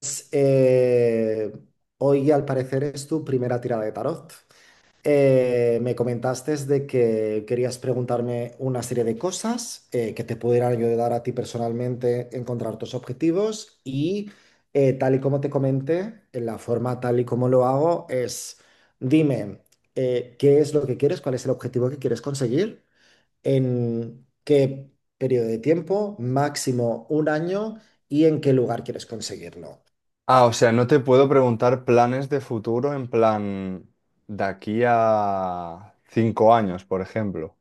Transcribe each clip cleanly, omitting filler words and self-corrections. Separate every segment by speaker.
Speaker 1: Pues, hoy al parecer es tu primera tirada de tarot. Me comentaste de que querías preguntarme una serie de cosas que te pudieran ayudar a ti personalmente a encontrar tus objetivos y tal y como te comenté, en la forma tal y como lo hago es, dime qué es lo que quieres, cuál es el objetivo que quieres conseguir, en qué periodo de tiempo, máximo un año y en qué lugar quieres conseguirlo.
Speaker 2: Ah, o sea, no te puedo preguntar planes de futuro en plan de aquí a 5 años, por ejemplo.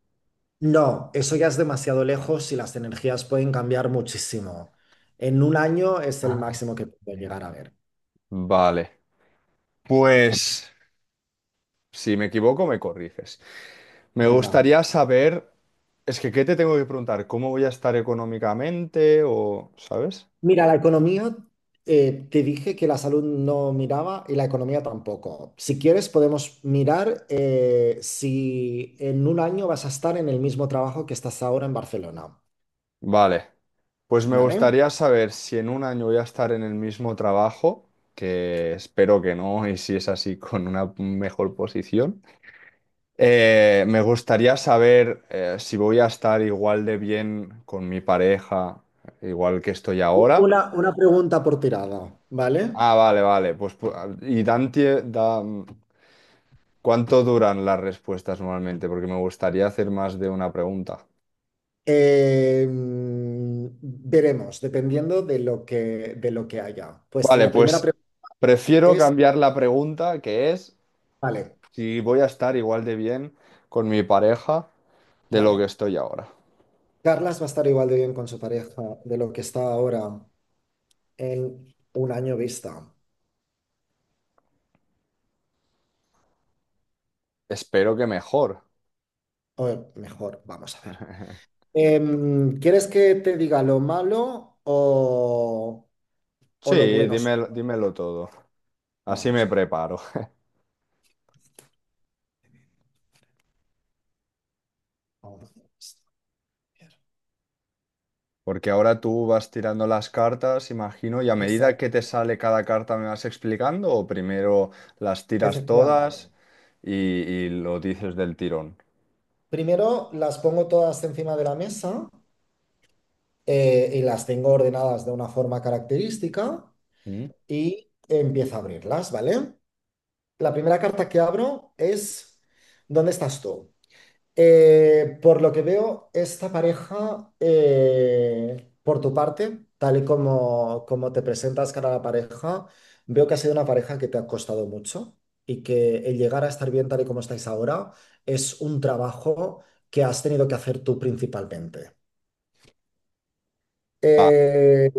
Speaker 1: No, eso ya es demasiado lejos y las energías pueden cambiar muchísimo. En un año es el
Speaker 2: Ah,
Speaker 1: máximo que puedo
Speaker 2: mira.
Speaker 1: llegar a ver.
Speaker 2: Vale. Pues, si me equivoco, me corriges. Me
Speaker 1: Venga.
Speaker 2: gustaría saber, es que, ¿qué te tengo que preguntar? ¿Cómo voy a estar económicamente o, ¿sabes?
Speaker 1: Mira, la economía, te dije que la salud no miraba y la economía tampoco. Si quieres, podemos mirar si en un año vas a estar en el mismo trabajo que estás ahora en Barcelona,
Speaker 2: Vale. Pues me
Speaker 1: ¿vale?
Speaker 2: gustaría saber si en un año voy a estar en el mismo trabajo, que espero que no, y si es así, con una mejor posición. Me gustaría saber si voy a estar igual de bien con mi pareja, igual que estoy
Speaker 1: U-
Speaker 2: ahora.
Speaker 1: Una, una pregunta por tirada, ¿vale?
Speaker 2: Ah, vale, vale. Pues, ¿cuánto duran las respuestas normalmente? Porque me gustaría hacer más de una pregunta.
Speaker 1: Veremos, dependiendo de lo que haya. Pues,
Speaker 2: Vale,
Speaker 1: la primera
Speaker 2: pues
Speaker 1: pregunta
Speaker 2: prefiero
Speaker 1: es.
Speaker 2: cambiar la pregunta, que es
Speaker 1: Vale,
Speaker 2: si voy a estar igual de bien con mi pareja de lo que
Speaker 1: vale.
Speaker 2: estoy ahora.
Speaker 1: Carlas va a estar igual de bien con su pareja de lo que está ahora en un año vista.
Speaker 2: Espero que mejor.
Speaker 1: O mejor, vamos a ver. ¿Quieres que te diga lo malo o lo
Speaker 2: Sí,
Speaker 1: bueno, solo?
Speaker 2: dímelo, dímelo todo. Así
Speaker 1: Vamos
Speaker 2: me
Speaker 1: a ver.
Speaker 2: preparo.
Speaker 1: Vamos a ver esto.
Speaker 2: Porque ahora tú vas tirando las cartas, imagino, y a medida que te
Speaker 1: Exacto,
Speaker 2: sale cada carta me vas explicando, o primero las tiras todas
Speaker 1: efectivamente.
Speaker 2: y, y lo dices del tirón.
Speaker 1: Primero las pongo todas encima de la mesa y las tengo ordenadas de una forma característica
Speaker 2: Mm.
Speaker 1: y empiezo a abrirlas, ¿vale? La primera carta que abro es: ¿dónde estás tú? Por lo que veo, esta pareja, por tu parte, tal y como te presentas cara a la pareja, veo que ha sido una pareja que te ha costado mucho y que el llegar a estar bien tal y como estáis ahora es un trabajo que has tenido que hacer tú principalmente.
Speaker 2: Va,
Speaker 1: Eh,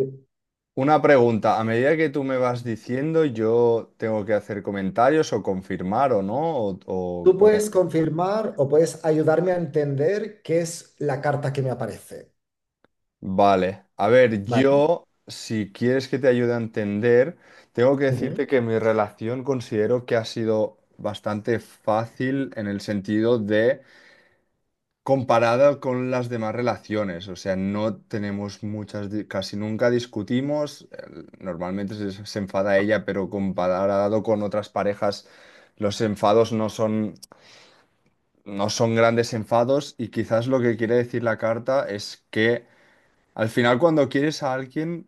Speaker 2: una pregunta. A medida que tú me vas diciendo, yo tengo que hacer comentarios o confirmar o no, o
Speaker 1: Tú
Speaker 2: cómo
Speaker 1: puedes
Speaker 2: funciona.
Speaker 1: confirmar o puedes ayudarme a entender qué es la carta que me aparece.
Speaker 2: Vale, a ver,
Speaker 1: Vale.
Speaker 2: yo, si quieres que te ayude a entender, tengo que
Speaker 1: Ujú,
Speaker 2: decirte que mi relación considero que ha sido bastante fácil en el sentido de comparada con las demás relaciones, o sea, no tenemos muchas, casi nunca discutimos, normalmente se enfada ella, pero comparado con otras parejas, los enfados no son grandes enfados y quizás lo que quiere decir la carta es que al final cuando quieres a alguien,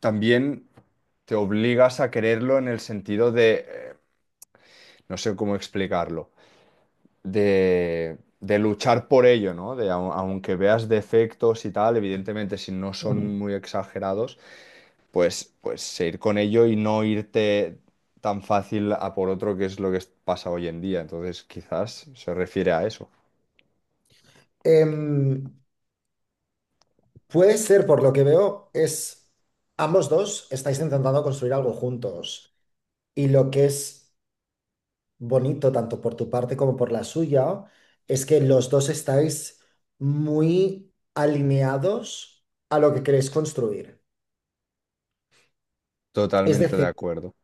Speaker 2: también te obligas a quererlo en el sentido de, no sé cómo explicarlo, de luchar por ello, ¿no? De, aunque veas defectos y tal, evidentemente si no
Speaker 1: ujú.
Speaker 2: son muy exagerados, pues seguir con ello y no irte tan fácil a por otro, que es lo que pasa hoy en día. Entonces, quizás se refiere a eso.
Speaker 1: Em, puede ser, por lo que veo, es ambos dos estáis intentando construir algo juntos. Y lo que es bonito, tanto por tu parte como por la suya, es que los dos estáis muy alineados a lo que queréis construir. Es
Speaker 2: Totalmente de
Speaker 1: decir,
Speaker 2: acuerdo.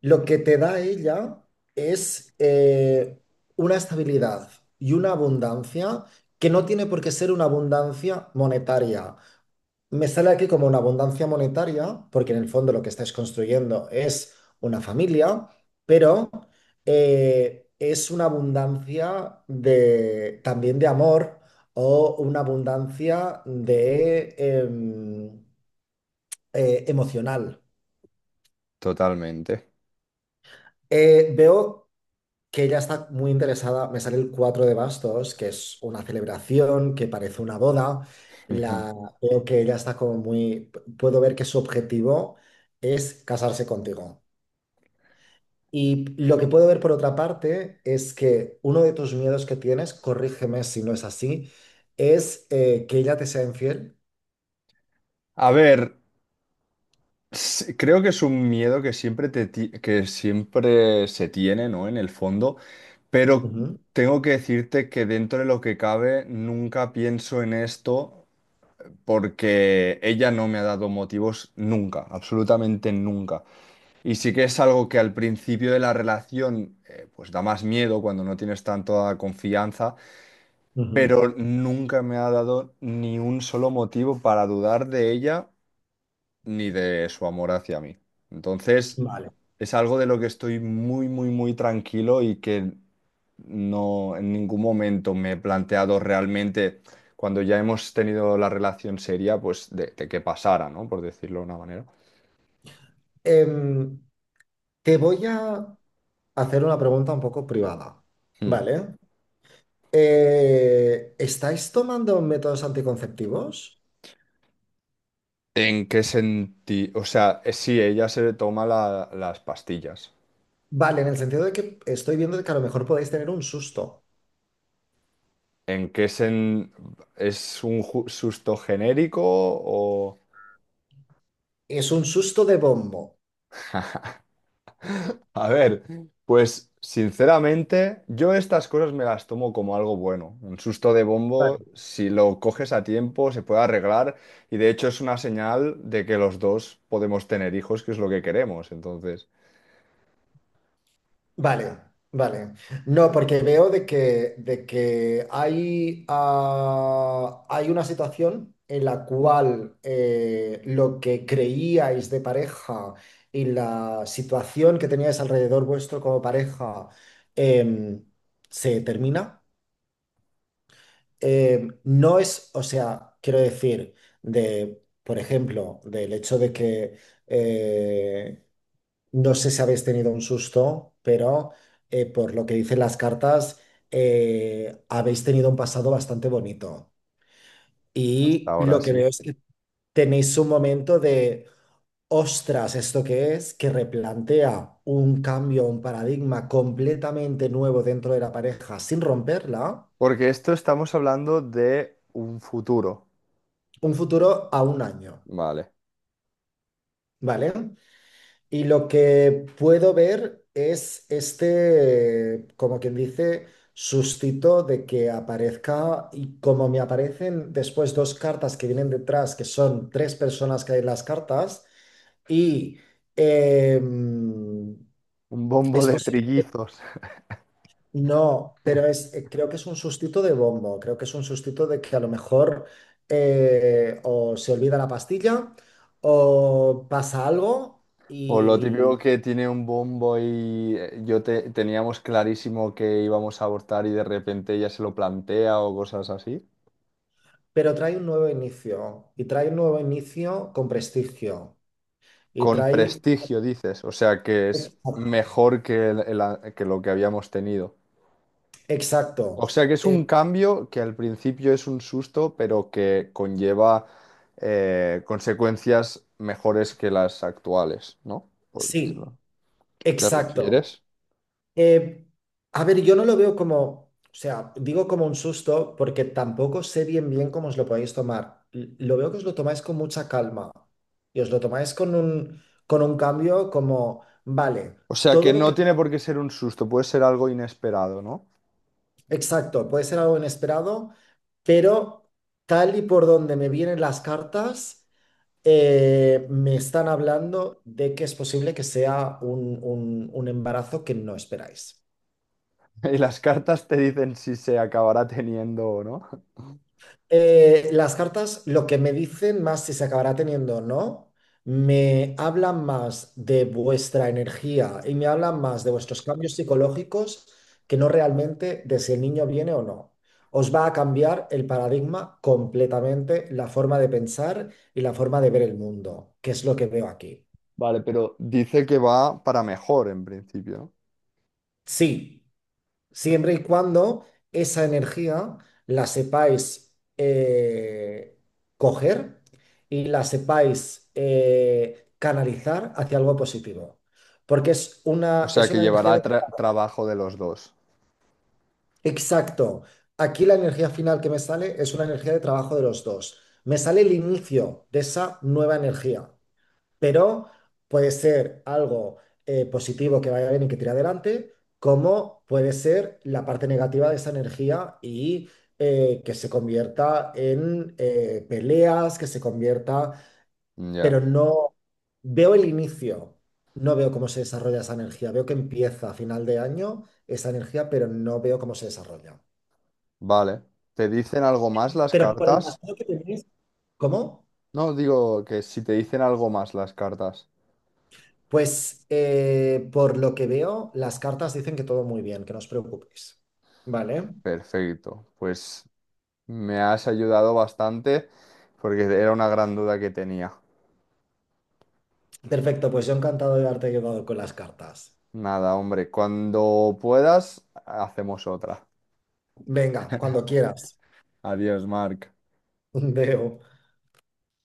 Speaker 1: lo que te da ella es una estabilidad y una abundancia que no tiene por qué ser una abundancia monetaria. Me sale aquí como una abundancia monetaria, porque en el fondo lo que estáis construyendo es una familia, pero es una abundancia de, también de amor, o una abundancia de, emocional.
Speaker 2: Totalmente.
Speaker 1: Veo que ella está muy interesada, me sale el 4 de bastos, que es una celebración que parece una boda. La, Veo que ella está como muy, puedo ver que su objetivo es casarse contigo. Y lo que puedo ver por otra parte es que uno de tus miedos que tienes, corrígeme si no es así, es que ella te sea infiel.
Speaker 2: A ver. Sí, creo que es un miedo que siempre, que siempre se tiene, ¿no? En el fondo, pero
Speaker 1: Ujú,
Speaker 2: tengo que decirte que dentro de lo que cabe nunca pienso en esto porque ella no me ha dado motivos nunca, absolutamente nunca. Y sí que es algo que al principio de la relación pues da más miedo cuando no tienes tanta confianza,
Speaker 1: ujú.
Speaker 2: pero nunca me ha dado ni un solo motivo para dudar de ella ni de su amor hacia mí. Entonces,
Speaker 1: Vale.
Speaker 2: es algo de lo que estoy muy, muy, muy tranquilo y que no en ningún momento me he planteado realmente, cuando ya hemos tenido la relación seria, pues de que pasara, ¿no? Por decirlo de una manera.
Speaker 1: Em, te voy a hacer una pregunta un poco privada,
Speaker 2: Mm.
Speaker 1: ¿vale? ¿Estáis tomando métodos anticonceptivos?
Speaker 2: ¿En qué sentido? O sea, sí, ella se toma las pastillas.
Speaker 1: Vale, en el sentido de que estoy viendo que a lo mejor podéis tener un susto.
Speaker 2: ¿En qué sen- ¿Es un susto genérico o...?
Speaker 1: Es un susto de bombo.
Speaker 2: A ver, pues sinceramente, yo estas cosas me las tomo como algo bueno. Un susto de bombo,
Speaker 1: Vale.
Speaker 2: si lo coges a tiempo, se puede arreglar y de hecho es una señal de que los dos podemos tener hijos, que es lo que queremos. Entonces,
Speaker 1: Vale, vale. No, porque veo de que hay una situación en la cual lo que creíais de pareja y la situación que teníais alrededor vuestro como pareja em, se termina. No es, o sea, quiero decir, por ejemplo, del hecho de que eh, no sé si habéis tenido un susto, pero por lo que dicen las cartas, habéis tenido un pasado bastante bonito.
Speaker 2: hasta
Speaker 1: Y
Speaker 2: ahora
Speaker 1: lo que
Speaker 2: sí.
Speaker 1: veo es que tenéis un momento de, ostras, ¿esto qué es?, que replantea un cambio, un paradigma completamente nuevo dentro de la pareja sin romperla,
Speaker 2: Porque esto estamos hablando de un futuro.
Speaker 1: un futuro a un año,
Speaker 2: Vale.
Speaker 1: ¿vale? Y lo que puedo ver es este, como quien dice, sustito de que aparezca, y como me aparecen después dos cartas que vienen detrás, que son tres personas que hay en las cartas, y em,
Speaker 2: Un bombo
Speaker 1: es
Speaker 2: de
Speaker 1: posible que
Speaker 2: trillizos.
Speaker 1: no, pero creo que es un sustito de bombo, creo que es un sustito de que a lo mejor o se olvida la pastilla o pasa algo,
Speaker 2: O lo típico que tiene un bombo y yo teníamos clarísimo que íbamos a abortar y de repente ella se lo plantea o cosas así.
Speaker 1: pero trae un nuevo inicio, y trae un nuevo inicio con prestigio y
Speaker 2: Con
Speaker 1: trae...
Speaker 2: prestigio, dices, o sea que es mejor que, que lo que habíamos tenido. O
Speaker 1: Exacto.
Speaker 2: sea que es
Speaker 1: Eh,
Speaker 2: un cambio que al principio es un susto, pero que conlleva consecuencias mejores que las actuales, ¿no? Por decirlo.
Speaker 1: sí,
Speaker 2: ¿Te
Speaker 1: exacto.
Speaker 2: refieres?
Speaker 1: Eh, a ver, yo no lo veo como, o sea, digo como un susto porque tampoco sé bien bien cómo os lo podéis tomar. Lo veo que os lo tomáis con mucha calma y os lo tomáis con un cambio como, vale,
Speaker 2: O sea que
Speaker 1: todo lo que...
Speaker 2: no tiene por qué ser un susto, puede ser algo inesperado, ¿no?
Speaker 1: Exacto, puede ser algo inesperado, pero tal y por donde me vienen las cartas. Me están hablando de que es posible que sea un embarazo que no esperáis.
Speaker 2: Y las cartas te dicen si se acabará teniendo o no.
Speaker 1: Las cartas, lo que me dicen más si se acabará teniendo o no, me hablan más de vuestra energía y me hablan más de vuestros cambios psicológicos que no realmente de si el niño viene o no. Os va a cambiar el paradigma completamente, la forma de pensar y la forma de ver el mundo, que es lo que veo aquí.
Speaker 2: Vale, pero dice que va para mejor en principio, ¿no?
Speaker 1: Sí, siempre y cuando esa energía la sepáis coger y la sepáis canalizar hacia algo positivo. Porque es
Speaker 2: O
Speaker 1: una,
Speaker 2: sea
Speaker 1: es
Speaker 2: que
Speaker 1: una energía
Speaker 2: llevará
Speaker 1: de...
Speaker 2: trabajo de los dos.
Speaker 1: Exacto. Aquí la energía final que me sale es una energía de trabajo de los dos. Me sale el inicio de esa nueva energía, pero puede ser algo positivo que vaya bien y que tire adelante, como puede ser la parte negativa de esa energía y que se convierta en peleas, que se convierta,
Speaker 2: Ya,
Speaker 1: pero no veo el inicio, no veo cómo se desarrolla esa energía, veo que empieza a final de año esa energía, pero no veo cómo se desarrolla.
Speaker 2: vale. ¿Te dicen algo más las
Speaker 1: Pero por el
Speaker 2: cartas?
Speaker 1: pasado que tenéis, ¿cómo?
Speaker 2: No, digo que si te dicen algo más las cartas.
Speaker 1: Pues por lo que veo, las cartas dicen que todo muy bien, que no os preocupéis. Vale,
Speaker 2: Perfecto. Pues me has ayudado bastante porque era una gran duda que tenía.
Speaker 1: perfecto, pues yo encantado de haberte ayudado con las cartas.
Speaker 2: Nada, hombre, cuando puedas, hacemos otra.
Speaker 1: Venga, cuando quieras.
Speaker 2: Adiós, Marc.
Speaker 1: Veo.